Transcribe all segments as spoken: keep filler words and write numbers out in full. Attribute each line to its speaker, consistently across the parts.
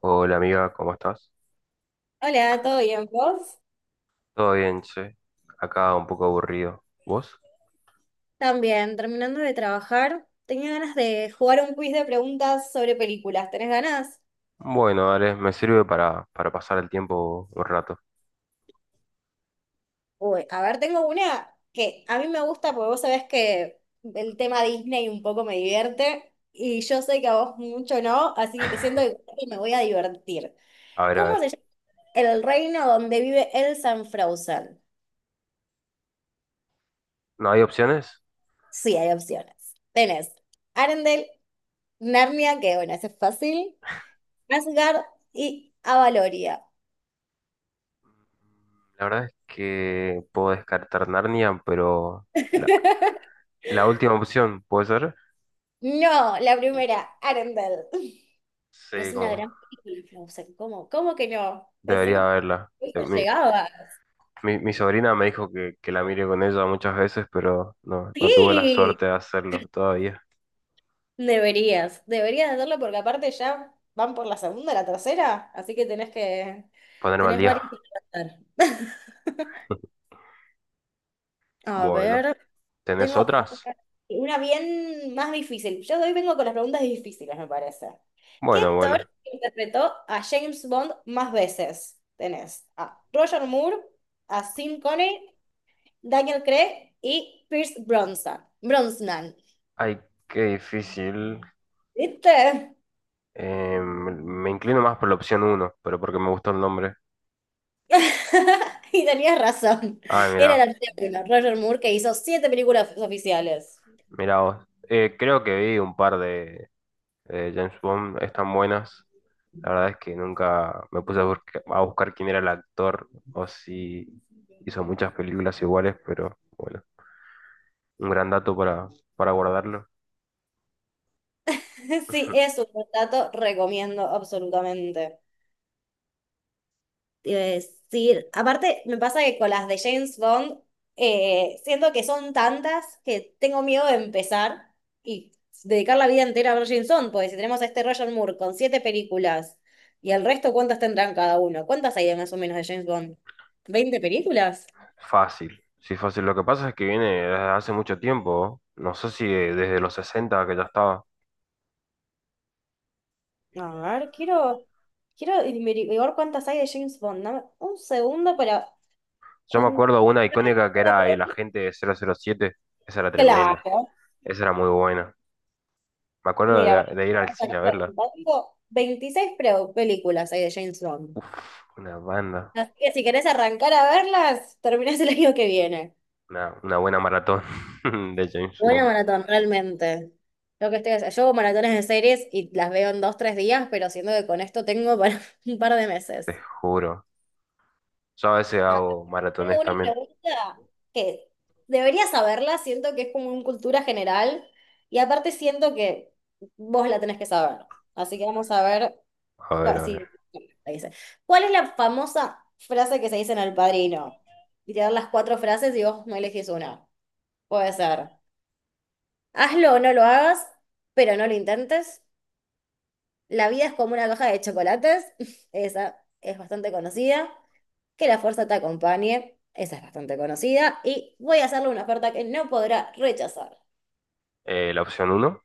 Speaker 1: Hola amiga, ¿cómo estás?
Speaker 2: Hola, ¿todo bien? ¿Vos?
Speaker 1: Todo bien, che. Acá un poco aburrido. ¿Vos?
Speaker 2: También, terminando de trabajar, tenía ganas de jugar un quiz de preguntas sobre películas. ¿Tenés ganas?
Speaker 1: Bueno, dale, me sirve para, para pasar el tiempo un rato.
Speaker 2: Uy, a ver, tengo una que a mí me gusta porque vos sabés que el tema Disney un poco me divierte y yo sé que a vos mucho no, así que siento que me voy a divertir.
Speaker 1: A ver, a
Speaker 2: ¿Cómo
Speaker 1: ver.
Speaker 2: se llama el reino donde vive Elsa en Frozen?
Speaker 1: ¿No hay opciones?
Speaker 2: Sí, hay opciones. Tenés Arendelle, Narnia, que bueno, ese es fácil, Asgard y Avaloria.
Speaker 1: La verdad es que puedo descartar Narnia, pero la, la última opción, ¿puede ser?
Speaker 2: No, la
Speaker 1: Uf,
Speaker 2: primera, Arendelle. Es
Speaker 1: sí,
Speaker 2: una
Speaker 1: como
Speaker 2: gran película, Frozen. ¿Cómo? ¿Cómo que no? Pensé
Speaker 1: debería
Speaker 2: que
Speaker 1: haberla. Eh,
Speaker 2: esto
Speaker 1: Mi,
Speaker 2: llegaba.
Speaker 1: mi- mi sobrina me dijo que, que la mire con ella muchas veces, pero no, no tuve la
Speaker 2: Sí,
Speaker 1: suerte de hacerlo todavía.
Speaker 2: deberías, deberías hacerlo porque aparte ya van por la segunda, la tercera, así que tenés que,
Speaker 1: Ponerme al
Speaker 2: tenés
Speaker 1: día.
Speaker 2: varios que tratar. A
Speaker 1: Bueno,
Speaker 2: ver,
Speaker 1: ¿tenés
Speaker 2: tengo acá
Speaker 1: otras?
Speaker 2: una bien más difícil. Yo hoy vengo con las preguntas difíciles, me parece. ¿Qué
Speaker 1: Bueno,
Speaker 2: actor
Speaker 1: bueno.
Speaker 2: interpretó a James Bond más veces? Tenés a Roger Moore, a Sean Connery, Daniel Craig y Pierce Bronson. Brosnan.
Speaker 1: Ay, qué difícil.
Speaker 2: ¿Viste?
Speaker 1: Eh, me me inclino más por la opción uno, pero porque me gustó el nombre.
Speaker 2: Y tenías razón.
Speaker 1: Ay,
Speaker 2: Era el
Speaker 1: mira,
Speaker 2: artículo, Roger Moore, que hizo siete películas oficiales.
Speaker 1: mira vos. Eh, creo que vi un par de, de James Bond, están buenas. La verdad es que nunca me puse a, busca- a buscar quién era el actor o si hizo muchas películas iguales, pero bueno, un gran dato para, para guardarlo.
Speaker 2: Sí, es un dato, recomiendo absolutamente. Te iba a decir, aparte me pasa que con las de James Bond, eh, siento que son tantas que tengo miedo de empezar y dedicar la vida entera a ver James Bond, porque si tenemos a este Roger Moore con siete películas y el resto, ¿cuántas tendrán cada uno? ¿Cuántas hay de más o menos de James Bond? ¿Veinte películas?
Speaker 1: Fácil, sí, fácil. Lo que pasa es que viene desde hace mucho tiempo, no. No sé si desde los sesenta que ya estaba.
Speaker 2: A ver, quiero, quiero averiguar cuántas hay de James Bond. Dame un segundo para
Speaker 1: Yo me
Speaker 2: cuan-
Speaker 1: acuerdo una icónica que era El Agente cero cero siete. Esa era tremenda.
Speaker 2: Claro.
Speaker 1: Esa era muy buena. Me acuerdo
Speaker 2: Mira,
Speaker 1: de,
Speaker 2: vamos
Speaker 1: de ir al
Speaker 2: a
Speaker 1: cine a
Speaker 2: cambiar
Speaker 1: verla.
Speaker 2: un poco. veintiséis pre- películas hay de James Bond.
Speaker 1: Uf, una banda.
Speaker 2: Así que si querés arrancar a verlas, terminás el año que viene.
Speaker 1: Una, una buena maratón de James
Speaker 2: Buena
Speaker 1: Bond.
Speaker 2: maratón, realmente. Lo que estoy haciendo. Yo hago maratones de series y las veo en dos, tres días, pero siento que con esto tengo para un par de
Speaker 1: Te
Speaker 2: meses.
Speaker 1: juro. Yo a veces
Speaker 2: Ah,
Speaker 1: hago
Speaker 2: tengo
Speaker 1: maratones
Speaker 2: una
Speaker 1: también.
Speaker 2: pregunta que debería saberla, siento que es como una cultura general y aparte siento que vos la tenés que saber. Así que vamos a ver.
Speaker 1: A ver,
Speaker 2: Cua-
Speaker 1: a ver.
Speaker 2: sí, ahí dice. ¿Cuál es la famosa frase que se dice en El Padrino? Y te dan las cuatro frases y vos no elegís una. Puede ser. Hazlo o no lo hagas, pero no lo intentes. La vida es como una caja de chocolates. Esa es bastante conocida. Que la fuerza te acompañe. Esa es bastante conocida. Y voy a hacerle una oferta que no podrá rechazar.
Speaker 1: Eh, la opción uno.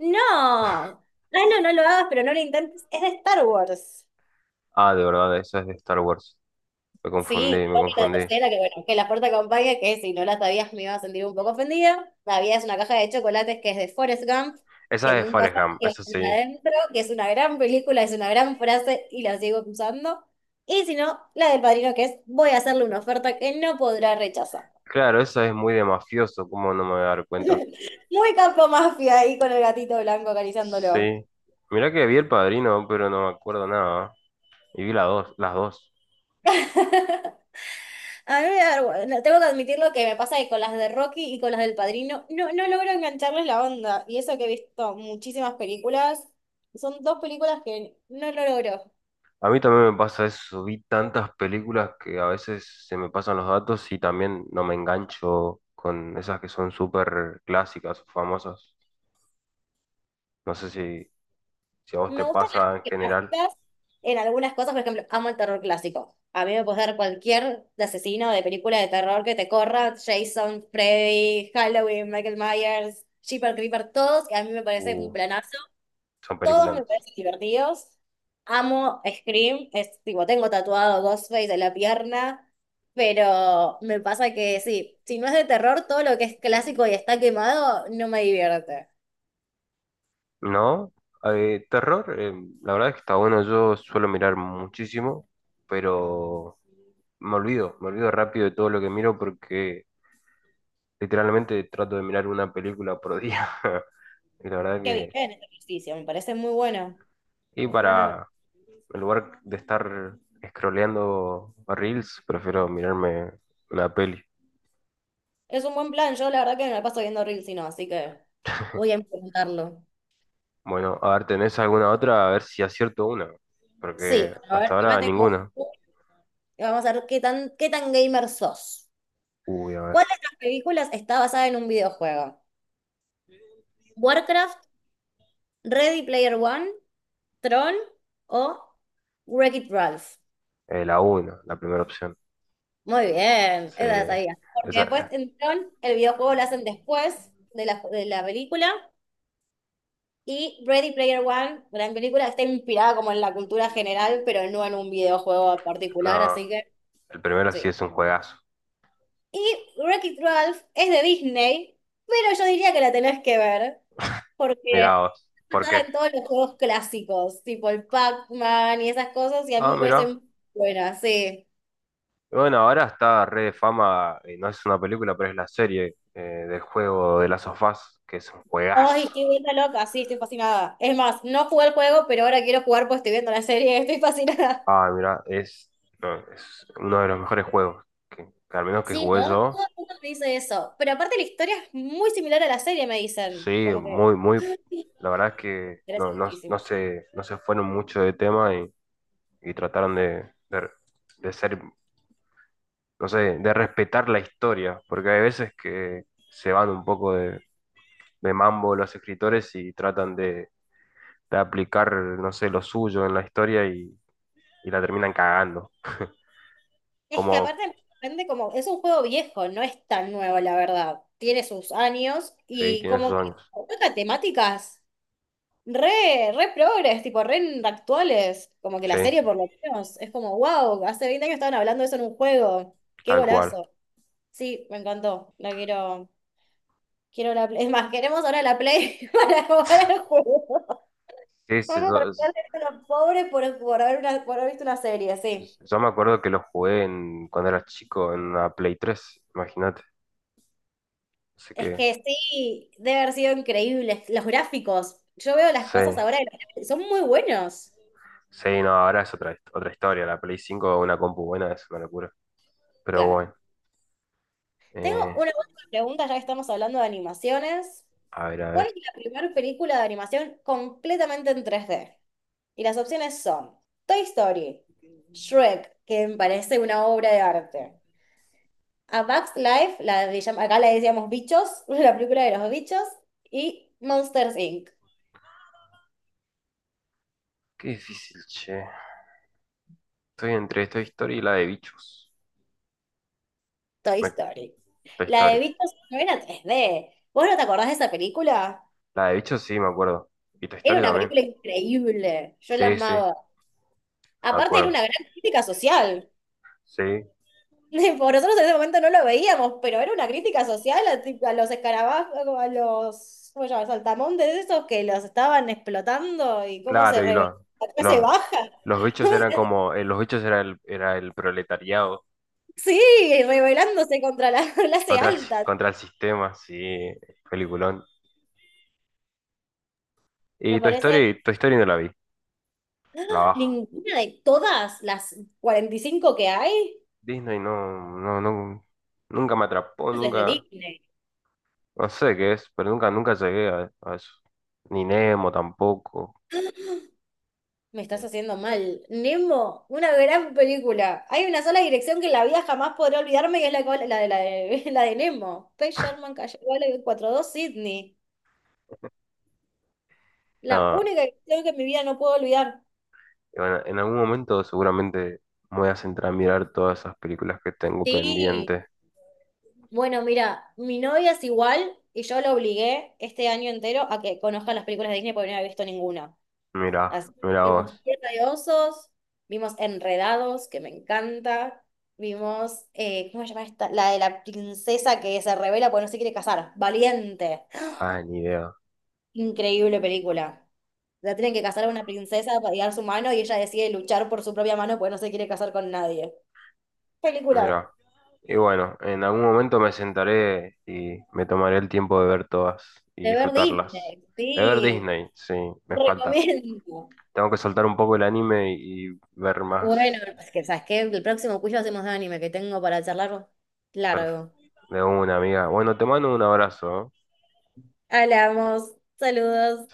Speaker 2: ¡No! Hazlo o no lo hagas, pero no lo intentes. Es de Star Wars.
Speaker 1: Ah, de verdad, esa es de Star Wars. Me confundí,
Speaker 2: Sí,
Speaker 1: me
Speaker 2: creo que la
Speaker 1: confundí.
Speaker 2: tercera, que bueno, que la puerta acompaña, que si no la sabías me iba a sentir un poco ofendida. La vida es una caja de chocolates que es de Forrest Gump, que
Speaker 1: Esa es de
Speaker 2: nunca
Speaker 1: Forrest
Speaker 2: sabía que
Speaker 1: Gump,
Speaker 2: iba a
Speaker 1: esa
Speaker 2: tener
Speaker 1: sí.
Speaker 2: adentro, que es una gran película, es una gran frase y la sigo usando. Y si no, la del Padrino, que es voy a hacerle una oferta que no podrá rechazar.
Speaker 1: Claro, esa es muy de mafioso, ¿cómo no me voy a dar cuenta?
Speaker 2: Muy campo mafia ahí con el gatito blanco acariciándolo.
Speaker 1: Sí. Mirá que vi El Padrino, pero no me acuerdo nada. Y vi las dos, las dos.
Speaker 2: A mí me da vergüenza. Tengo que admitir lo que me pasa que con las de Rocky y con las del Padrino, no, no logro engancharles la onda. Y eso que he visto muchísimas películas, son dos películas que no lo logro.
Speaker 1: A mí también me pasa eso, vi tantas películas que a veces se me pasan los datos y también no me engancho con esas que son súper clásicas o famosas. No sé si, si a vos te
Speaker 2: Me gustan las
Speaker 1: pasa en general,
Speaker 2: clásicas en algunas cosas, por ejemplo, amo el terror clásico. A mí me puedes dar cualquier de asesino de película de terror que te corra, Jason, Freddy, Halloween, Michael Myers, Jeepers Creeper, todos, que a mí me parece
Speaker 1: uh,
Speaker 2: un planazo.
Speaker 1: son
Speaker 2: Todos me
Speaker 1: películas.
Speaker 2: parecen divertidos. Amo Scream, es tipo, tengo tatuado Ghostface en la pierna, pero me pasa que sí, si no es de terror, todo lo que es clásico y está quemado no me divierte.
Speaker 1: ¿No? Eh, terror, eh, la verdad es que está bueno, yo suelo mirar muchísimo, pero me olvido, me olvido rápido de todo lo que miro porque literalmente trato de mirar una película por día. Y la verdad
Speaker 2: Qué
Speaker 1: que...
Speaker 2: bien este ejercicio, me parece muy bueno.
Speaker 1: Y
Speaker 2: Es un gran-
Speaker 1: para, en lugar de estar scrolleando reels, prefiero mirarme una peli.
Speaker 2: es un buen plan, yo la verdad que me la paso viendo Reels y no, así que voy a implementarlo.
Speaker 1: Bueno, a ver, ¿tenés alguna otra? A ver si acierto una.
Speaker 2: Sí,
Speaker 1: Porque
Speaker 2: a ver,
Speaker 1: hasta
Speaker 2: acá
Speaker 1: ahora
Speaker 2: tengo.
Speaker 1: ninguna.
Speaker 2: Vamos a ver qué tan, qué tan gamer sos.
Speaker 1: Uy, a ver.
Speaker 2: ¿Cuál de estas películas está basada en un videojuego? Warcraft, Ready Player One, Tron o Wreck-It Ralph.
Speaker 1: Eh, la una, la primera opción.
Speaker 2: Muy bien, esa
Speaker 1: Sí.
Speaker 2: la sabía. Porque
Speaker 1: Esa,
Speaker 2: después
Speaker 1: eh,
Speaker 2: en Tron el videojuego lo hacen después de la, de la película. Y Ready Player One, gran película, está inspirada como en la cultura general, pero no en un videojuego particular,
Speaker 1: no,
Speaker 2: así que
Speaker 1: el primero sí
Speaker 2: sí.
Speaker 1: es un juegazo.
Speaker 2: Y Wreck-It Ralph es de Disney, pero yo diría que la tenés que ver,
Speaker 1: Mirá
Speaker 2: porque
Speaker 1: vos. ¿Por
Speaker 2: está
Speaker 1: qué?
Speaker 2: en todos los juegos clásicos, tipo el Pac-Man y esas cosas, y a mí
Speaker 1: Ah,
Speaker 2: me
Speaker 1: mirá.
Speaker 2: parecen buenas, sí.
Speaker 1: Bueno, ahora está re de fama, y no es una película, pero es la serie, eh, del juego de las of Us, que es un juegazo.
Speaker 2: Ay, qué vuelta loca, sí, estoy fascinada. Es más, no jugué el juego, pero ahora quiero jugar porque estoy viendo la serie, estoy fascinada.
Speaker 1: Ah, mira, es, no, es uno de los mejores juegos que, que al menos que
Speaker 2: Sí, ¿no?
Speaker 1: jugué yo.
Speaker 2: Todo el mundo me dice eso. Pero aparte la historia es muy similar a la serie, me dicen.
Speaker 1: Sí,
Speaker 2: Como que
Speaker 1: muy, muy.
Speaker 2: sí,
Speaker 1: La verdad es que
Speaker 2: interesa
Speaker 1: no, no,
Speaker 2: muchísimo.
Speaker 1: no se, no se fueron mucho de tema y, y trataron de, de, de ser, no sé, de respetar la historia, porque hay veces que se van un poco de, de mambo los escritores y tratan de, de aplicar, no sé, lo suyo en la historia y, y la terminan cagando.
Speaker 2: Es que
Speaker 1: Como,
Speaker 2: aparte me sorprende como, es un juego viejo, no es tan nuevo, la verdad. Tiene sus años
Speaker 1: sí,
Speaker 2: y
Speaker 1: tiene sus
Speaker 2: como que
Speaker 1: años.
Speaker 2: toca temáticas re, re progres, tipo re actuales. Como que la
Speaker 1: Sí,
Speaker 2: serie por lo menos es como, wow, hace veinte años estaban hablando de eso en un juego. Qué
Speaker 1: tal cual.
Speaker 2: golazo. Sí, me encantó. La quiero. Quiero la Play. Es más, queremos ahora la Play para jugar al juego.
Speaker 1: Sí, sí,
Speaker 2: Vamos a
Speaker 1: yo-
Speaker 2: tratar de ser unos pobres por, por, haber una- por haber visto una serie, sí.
Speaker 1: Yo me acuerdo que lo jugué en, cuando era chico en una Play tres, imagínate. Así
Speaker 2: Es
Speaker 1: que
Speaker 2: que sí, debe haber sido increíble. Los gráficos. Yo veo las
Speaker 1: sí,
Speaker 2: cosas ahora y los gráficos son muy buenos.
Speaker 1: sí, no, ahora es otra, hist- otra historia. La Play cinco, una compu buena, es una locura. Pero
Speaker 2: Claro.
Speaker 1: bueno,
Speaker 2: Tengo
Speaker 1: eh,
Speaker 2: una última pregunta, ya que estamos hablando de animaciones.
Speaker 1: a ver, a
Speaker 2: ¿Cuál
Speaker 1: ver.
Speaker 2: es la primera película de animación completamente en tres d? Y las opciones son Toy Story, Shrek, que me parece una obra de arte, a Bugs Life, la de llam- acá le decíamos Bichos, la película de los bichos, y Monsters inc,
Speaker 1: Qué difícil, che. Estoy entre esta historia y la de bichos.
Speaker 2: Toy
Speaker 1: Me,
Speaker 2: Story.
Speaker 1: Toy
Speaker 2: La de
Speaker 1: Story.
Speaker 2: bichos no era tres d. ¿Vos no te acordás de esa película?
Speaker 1: La de bichos sí, me acuerdo. Y Toy
Speaker 2: Era
Speaker 1: Story
Speaker 2: una
Speaker 1: también.
Speaker 2: película increíble, yo la
Speaker 1: Sí, sí,
Speaker 2: amaba.
Speaker 1: me
Speaker 2: Aparte era
Speaker 1: acuerdo.
Speaker 2: una gran crítica social.
Speaker 1: Sí,
Speaker 2: Por nosotros en ese momento no lo veíamos, pero era una crítica social a, ti- a los escarabajos, a los ¿cómo se llama? Saltamontes esos que los estaban explotando y cómo se
Speaker 1: claro, y
Speaker 2: rebeló
Speaker 1: los,
Speaker 2: la clase
Speaker 1: los,
Speaker 2: baja.
Speaker 1: los bichos eran como, eh, los bichos era el, era el proletariado.
Speaker 2: Sí, rebelándose contra la clase
Speaker 1: Contra el, si-
Speaker 2: alta.
Speaker 1: contra el sistema, sí, peliculón.
Speaker 2: Me
Speaker 1: Y Toy
Speaker 2: parece
Speaker 1: Story, Toy Story no la vi, la bajo.
Speaker 2: ninguna de todas las cuarenta y cinco que hay
Speaker 1: Disney no, no, no, nunca me atrapó,
Speaker 2: es de
Speaker 1: nunca,
Speaker 2: Disney.
Speaker 1: no sé qué es, pero nunca, nunca llegué a, a eso. Ni Nemo tampoco.
Speaker 2: Me estás
Speaker 1: Eh,
Speaker 2: haciendo mal. Nemo, una gran película. Hay una sola dirección que en la vida jamás podré olvidarme y es la, col- la, de, la, de, la de Nemo. P. Sherman Calle Valley cuarenta y dos Sydney. La
Speaker 1: No,
Speaker 2: única dirección que en mi vida no puedo olvidar.
Speaker 1: y bueno, en algún momento seguramente me voy a centrar a mirar todas esas películas que tengo
Speaker 2: Sí.
Speaker 1: pendientes.
Speaker 2: Bueno, mira, mi novia es igual y yo la obligué este año entero a que conozca las películas de Disney porque no había visto ninguna.
Speaker 1: Mira,
Speaker 2: Así
Speaker 1: mira
Speaker 2: que vimos
Speaker 1: vos.
Speaker 2: Tierra de Osos, vimos Enredados, que me encanta, vimos, eh, ¿cómo se llama esta? La de la princesa que se revela porque no se quiere casar, Valiente.
Speaker 1: Ah, ni idea.
Speaker 2: Increíble película. La tienen que casar a una princesa para llegar su mano y ella decide luchar por su propia mano porque no se quiere casar con nadie. Película
Speaker 1: Mira. Y bueno, en algún momento me sentaré y me tomaré el tiempo de ver todas y
Speaker 2: de ver
Speaker 1: disfrutarlas.
Speaker 2: Disney,
Speaker 1: De ver
Speaker 2: sí,
Speaker 1: Disney, sí, me falta.
Speaker 2: recomiendo.
Speaker 1: Tengo que soltar un poco el anime y ver
Speaker 2: Bueno,
Speaker 1: más.
Speaker 2: es que, ¿sabes qué? El próximo cuyo hacemos de anime que tengo para charlar
Speaker 1: perf-
Speaker 2: largo.
Speaker 1: de una amiga. Bueno, te mando un abrazo, ¿eh?
Speaker 2: Hablamos. Saludos.